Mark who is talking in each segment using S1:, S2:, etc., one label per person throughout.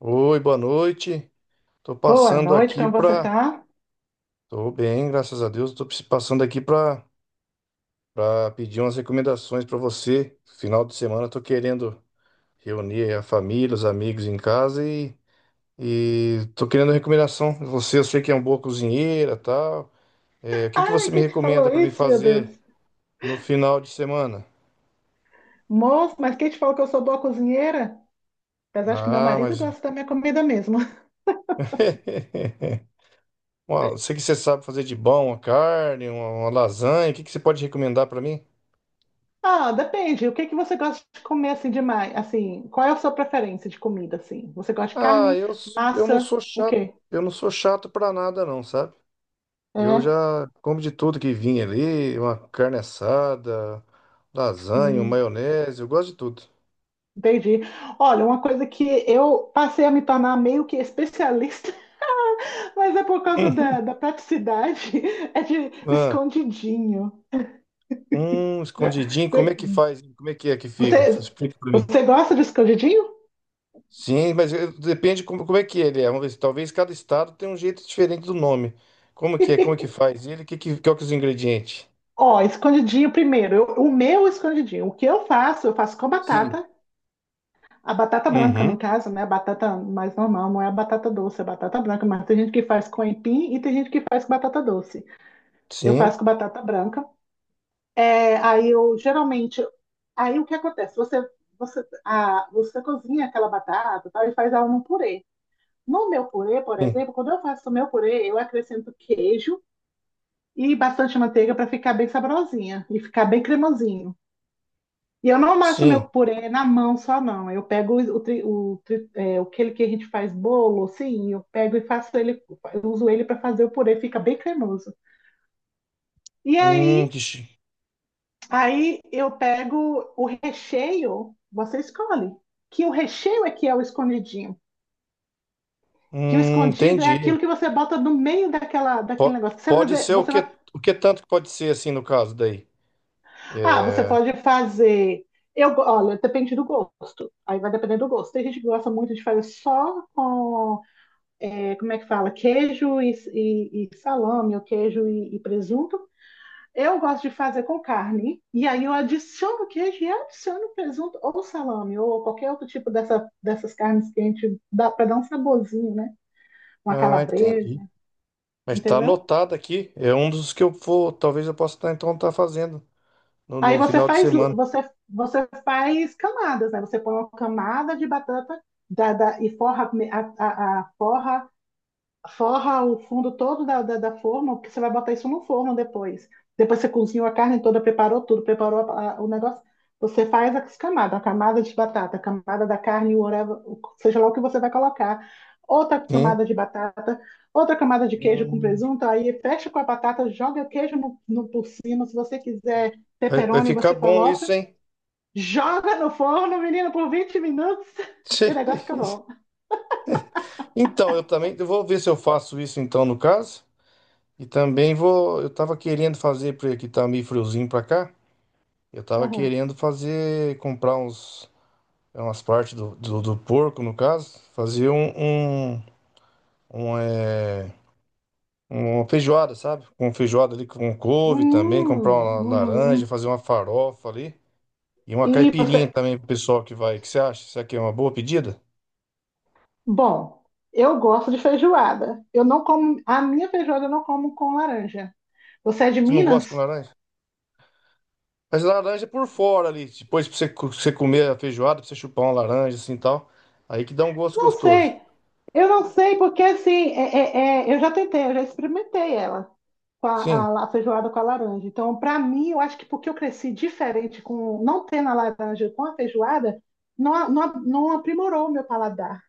S1: Oi, boa noite. Tô
S2: Boa
S1: passando
S2: noite,
S1: aqui
S2: como você
S1: pra.
S2: tá?
S1: Tô bem, graças a Deus. Tô passando aqui pra para pedir umas recomendações pra você. Final de semana eu tô querendo reunir a família, os amigos em casa e tô querendo recomendação. Você, eu sei que é uma boa cozinheira, tal. É, o que que
S2: Ai,
S1: você me
S2: quem te
S1: recomenda
S2: falou
S1: pra me
S2: isso, meu Deus?
S1: fazer no final de semana?
S2: Moço, mas quem te falou que eu sou boa cozinheira? Apesar de que meu
S1: Ah,
S2: marido
S1: mas
S2: gosta da minha comida mesmo.
S1: Eu sei que você sabe fazer de bom uma carne, uma lasanha. O que que você pode recomendar pra mim?
S2: Ah, depende. O que você gosta de comer assim demais? Assim, qual é a sua preferência de comida assim? Você gosta de carne,
S1: Eu não
S2: massa,
S1: sou
S2: o
S1: chato,
S2: quê?
S1: eu não sou chato pra nada não, sabe? Eu
S2: É,
S1: já como de tudo que vinha ali, uma carne assada, lasanha, um
S2: hum,
S1: maionese, eu gosto de tudo.
S2: entendi. Olha, uma coisa que eu passei a me tornar meio que especialista mas é por causa da praticidade, é de
S1: Ah,
S2: escondidinho.
S1: um escondidinho, como é que faz? Como é que que fica?
S2: Você,
S1: Explica pra mim.
S2: você gosta de escondidinho?
S1: Sim, depende como é que ele é. Vamos ver se talvez cada estado tenha um jeito diferente do nome. Como que é? Como que faz? Qual que é os ingredientes?
S2: Ó, escondidinho primeiro. O meu escondidinho. O que eu faço com a
S1: Sim.
S2: batata. A batata branca,
S1: Uhum.
S2: no caso, né? A batata mais normal, não é a batata doce, é a batata branca. Mas tem gente que faz com aipim e tem gente que faz com batata doce. Eu faço
S1: Sim.
S2: com batata branca. Aí eu, geralmente, aí o que acontece? Você cozinha aquela batata, tá? E faz ela num purê. No meu purê, por
S1: Sim.
S2: exemplo, quando eu faço o meu purê, eu acrescento queijo e bastante manteiga para ficar bem saborosinha e ficar bem cremosinho. E eu não amasso meu
S1: Sim.
S2: purê na mão só, não. Eu pego aquele que a gente faz bolo, assim, eu pego e faço ele, eu uso ele para fazer o purê, fica bem cremoso. E
S1: Hum,
S2: aí,
S1: que chi-
S2: aí eu pego o recheio, você escolhe. Que o recheio é que é o escondidinho. Que o escondido é
S1: Entendi.
S2: aquilo que você bota no meio daquele negócio. Você,
S1: Pode
S2: fazer,
S1: ser
S2: você vai
S1: o que tanto que pode ser, assim, no caso daí.
S2: Ah, você
S1: É...
S2: pode fazer. Olha, depende do gosto. Aí vai depender do gosto. Tem gente que gosta muito de fazer só com como é que fala? Queijo e salame, ou queijo e presunto. Eu gosto de fazer com carne. E aí eu adiciono queijo e adiciono presunto ou salame, ou qualquer outro tipo dessas carnes que a gente dá para dar um saborzinho, né? Uma
S1: Ah,
S2: calabresa,
S1: entendi. Mas tá
S2: entendeu?
S1: anotado aqui. É um dos que eu vou. Talvez eu possa estar, então, tá fazendo
S2: Aí
S1: no
S2: você
S1: final de
S2: faz,
S1: semana.
S2: você faz camadas, né? Você põe uma camada de batata e forra a forra forra o fundo todo da forma, porque você vai botar isso no forno depois. Depois você cozinhou a carne toda, preparou tudo, preparou o negócio. Você faz as camadas, a camada de batata, a camada da carne, whatever, seja lá o que você vai colocar. Outra
S1: Hum.
S2: camada de batata, outra camada de queijo com
S1: Hum.
S2: presunto, aí fecha com a batata, joga o queijo por cima. Se você quiser
S1: Vai, vai
S2: pepperoni,
S1: ficar
S2: você
S1: bom isso,
S2: coloca.
S1: hein?
S2: Joga no forno, menina, por 20 minutos e o negócio fica bom.
S1: Então, eu também. Eu vou ver se eu faço isso, então, no caso. E também vou. Eu tava querendo fazer, porque tá meio friozinho pra cá. Eu tava
S2: Aham.
S1: querendo fazer. Comprar uns. É umas partes do do porco, no caso. Fazer um, é, uma feijoada, sabe? Com feijoada ali com couve também, comprar uma laranja,
S2: Uhum.
S1: fazer uma farofa ali. E uma
S2: E
S1: caipirinha
S2: você,
S1: também pro pessoal que vai. O que você acha? Será que é uma boa pedida?
S2: bom, eu gosto de feijoada. Eu não como, a minha feijoada eu não como com laranja. Você é de
S1: Tu não gosta com
S2: Minas?
S1: laranja? Mas laranja por fora ali. Depois pra você, você comer a feijoada, pra você chupar uma laranja assim e tal. Aí que dá um gosto
S2: Não
S1: gostoso.
S2: sei. Eu não sei porque assim, é, eu já tentei, eu já experimentei ela com
S1: Sim.
S2: a feijoada com a laranja. Então, para mim, eu acho que porque eu cresci diferente com não tendo a laranja com a feijoada, não aprimorou o meu paladar,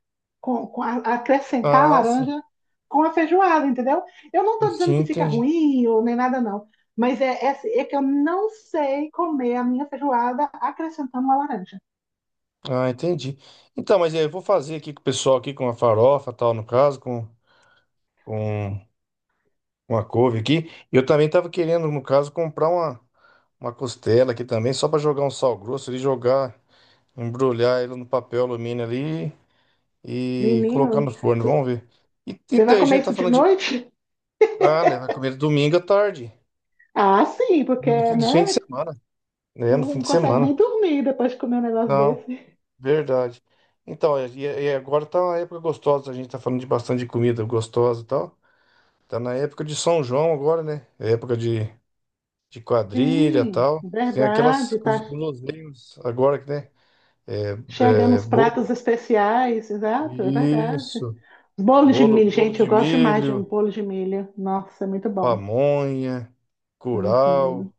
S2: com acrescentar a
S1: Ah, sim.
S2: laranja com a feijoada, entendeu? Eu não estou dizendo
S1: Sim,
S2: que fica
S1: entendi.
S2: ruim ou nem nada, não. Mas é que eu não sei comer a minha feijoada acrescentando uma laranja.
S1: Ah, entendi. Então, mas é, eu vou fazer aqui com o pessoal aqui com a farofa tal, no caso, com uma couve aqui. Eu também tava querendo, no caso, uma costela aqui também, só para jogar um sal grosso ali, jogar, embrulhar ele no papel alumínio ali e colocar no
S2: Menino,
S1: forno. Vamos ver. E,
S2: você
S1: então,
S2: vai
S1: a
S2: comer
S1: gente
S2: isso
S1: tá
S2: de
S1: falando de.
S2: noite?
S1: Ah, né? Vai comer domingo à tarde.
S2: Ah, sim, porque,
S1: No fim de
S2: né?
S1: semana. É, no fim
S2: Não
S1: de
S2: consegue
S1: semana.
S2: nem dormir depois de comer um negócio
S1: Não,
S2: desse.
S1: verdade. Então, e agora tá uma época gostosa. A gente tá falando de bastante de comida gostosa e tal. Tá na época de São João agora, né? É época de. De quadrilha e
S2: Sim,
S1: tal. Tem aquelas
S2: verdade.
S1: com
S2: Tá
S1: os guloseimas agora que né? É,
S2: chegando os
S1: bolo.
S2: pratos especiais, exato, é verdade.
S1: Isso.
S2: Bolo de milho,
S1: Bolo
S2: gente,
S1: de
S2: eu gosto demais de um
S1: milho,
S2: bolo de milho. Nossa, é muito bom.
S1: pamonha,
S2: Uhum,
S1: curau,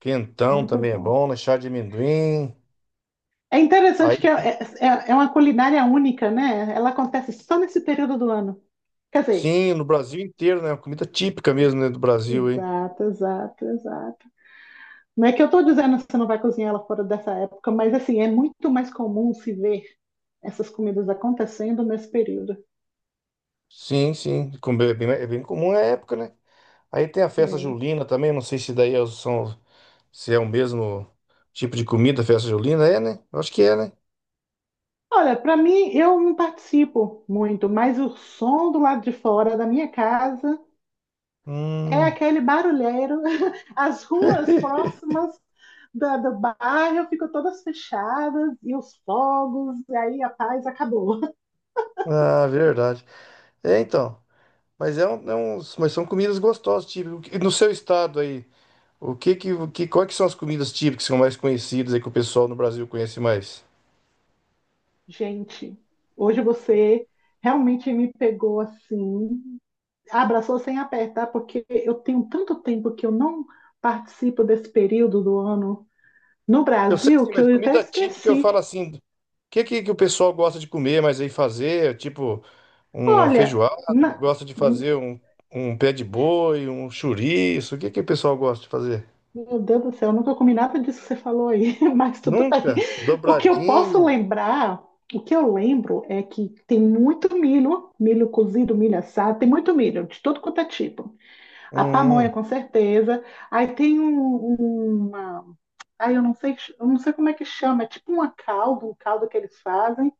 S1: quentão
S2: muito
S1: também é
S2: bom.
S1: bom, né? Chá de amendoim.
S2: É interessante
S1: Aí
S2: que é uma culinária única, né? Ela acontece só nesse período do ano. Quer dizer,
S1: sim, no Brasil inteiro, né? Comida típica mesmo, né, do Brasil, hein?
S2: exato, exato, exato. Não é que eu estou dizendo que você não vai cozinhar ela fora dessa época, mas assim, é muito mais comum se ver essas comidas acontecendo nesse período.
S1: Sim, sim. Como é bem comum é a época, né? Aí tem a festa
S2: É.
S1: julina também, não sei se daí é- o- são, se é o mesmo tipo de comida, a festa julina, é, né? Eu acho que é, né?
S2: Olha, para mim, eu não participo muito, mas o som do lado de fora da minha casa é
S1: Hum.
S2: aquele barulheiro, as ruas próximas do bairro ficam todas fechadas e os fogos, e aí a paz acabou.
S1: Ah, verdade. É, então. Mas são comidas gostosas, tipo, no seu estado aí, o que que, o que, quais que são as comidas típicas que são mais conhecidas aí que o pessoal no Brasil conhece mais?
S2: Gente, hoje você realmente me pegou assim, abraçou sem apertar, porque eu tenho tanto tempo que eu não participo desse período do ano no
S1: Eu sei que
S2: Brasil
S1: sim,
S2: que
S1: mas
S2: eu até
S1: comida típica eu falo
S2: esqueci.
S1: assim, que o pessoal gosta de comer, mas aí fazer, tipo, uma
S2: Olha,
S1: feijoada,
S2: na-
S1: gosta de fazer um, um pé de boi, um chouriço, o que que o pessoal gosta de fazer?
S2: Meu Deus do céu, eu nunca comi nada disso que você falou aí, mas tudo bem.
S1: Nunca?
S2: O que eu posso
S1: Dobradinha,
S2: lembrar, o que eu lembro é que tem muito milho, milho cozido, milho assado, tem muito milho, de todo quanto é tipo. A pamonha,
S1: hum,
S2: com certeza. Aí tem um, uma. Aí eu não sei como é que chama, é tipo uma calda, um caldo que eles fazem.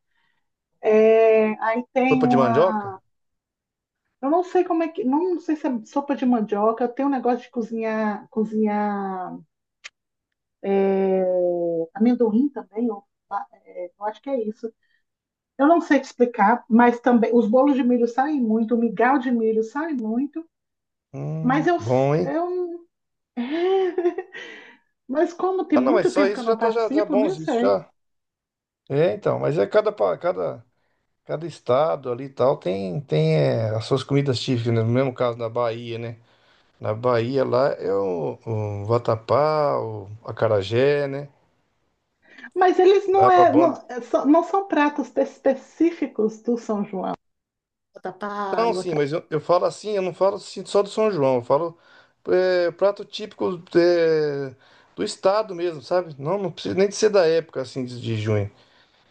S2: É, Aí tem
S1: sopa de
S2: uma.
S1: mandioca?
S2: Eu não sei como é que. Não sei se é sopa de mandioca, tem um negócio de cozinhar, é, amendoim também, eu acho que é isso. Eu não sei te explicar, mas também os bolos de milho saem muito, o migal de milho sai muito, mas
S1: Bom, hein?
S2: eu mas como tem
S1: Ah, não, mas
S2: muito
S1: só
S2: tempo que
S1: isso
S2: eu
S1: já
S2: não
S1: já
S2: participo, nem
S1: bons, isso
S2: sei.
S1: já. É, então, cada estado ali e tal tem, tem é, as suas comidas típicas, né? No mesmo caso na Bahia, né? Na Bahia lá é o vatapá, o acarajé, né?
S2: Mas eles
S1: Lá é
S2: não,
S1: pra
S2: é,
S1: banda.
S2: são- não são pratos específicos do São João. Batata
S1: Então,
S2: palha,
S1: sim, eu falo assim, eu não falo assim só do São João, eu falo é, prato típico é, do estado mesmo, sabe? Não, não precisa nem de ser da época assim de junho.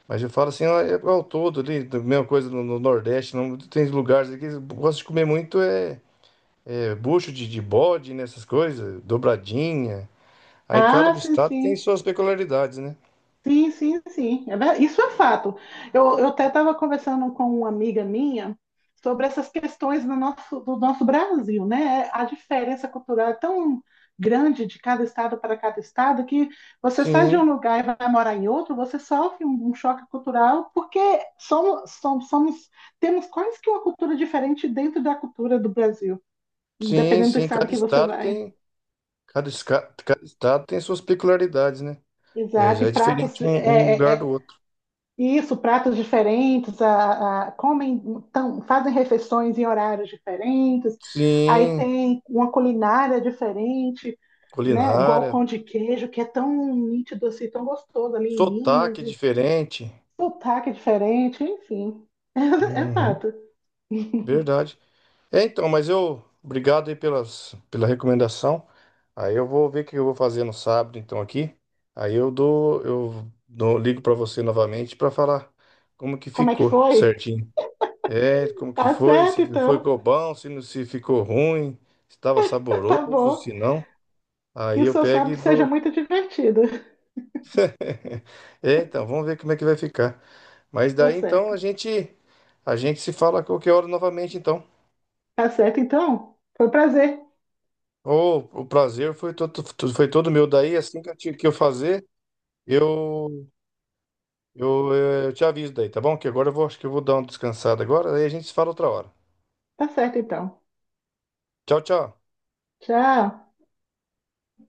S1: Mas eu falo assim, ó, é ao todo ali, da mesma coisa no Nordeste, não tem lugares aqui que gosta de comer muito é, é bucho de bode, nessas coisas, dobradinha. Aí cada
S2: ah, sim,
S1: estado tem
S2: sim.
S1: suas peculiaridades, né?
S2: Sim, sim, sim. Isso é fato. Eu até estava conversando com uma amiga minha sobre essas questões do nosso Brasil, né? A diferença cultural é tão grande de cada estado para cada estado que você sai de um
S1: Sim,
S2: lugar e vai morar em outro, você sofre um choque cultural porque somos, somos, somos- temos quase que uma cultura diferente dentro da cultura do Brasil,
S1: sim,
S2: dependendo do
S1: sim,
S2: estado
S1: cada
S2: que você
S1: estado
S2: vai.
S1: tem, cada estado tem suas peculiaridades, né? É,
S2: Exato,
S1: já
S2: e
S1: é
S2: pratos
S1: diferente um lugar do outro.
S2: isso, pratos diferentes, comem, fazem refeições em horários diferentes, aí
S1: Sim,
S2: tem uma culinária diferente, né? Igual o
S1: culinária,
S2: pão de queijo, que é tão nítido assim, tão gostoso ali em Minas,
S1: sotaque é
S2: e
S1: diferente.
S2: sotaque diferente, enfim. É,
S1: Uhum,
S2: fato.
S1: verdade. É, então, mas eu. Obrigado aí pelas, pela recomendação. Aí eu vou ver o que eu vou fazer no sábado, então, aqui. Aí ligo para você novamente para falar como que
S2: Como é que
S1: ficou
S2: foi?
S1: certinho. É, como que
S2: Tá
S1: foi,
S2: certo,
S1: se foi
S2: então.
S1: ficou bom, se não se ficou ruim, se estava
S2: Tá
S1: saboroso,
S2: bom.
S1: se não.
S2: Que
S1: Aí
S2: o
S1: eu
S2: seu
S1: pego e
S2: sábado seja
S1: dou.
S2: muito divertido.
S1: É, então, vamos ver como é que vai ficar. Mas
S2: Tá
S1: daí então
S2: certo.
S1: a gente se fala a qualquer hora novamente, então.
S2: Tá certo, então. Foi um prazer.
S1: O prazer foi todo meu. Daí, assim que eu, ti- que eu fazer, eu, eu, eh, eu te aviso daí, tá bom? Que agora eu vou, acho que eu vou dar uma descansada agora, daí a gente se fala outra hora.
S2: Tá certo, então.
S1: Tchau, tchau.
S2: Tchau.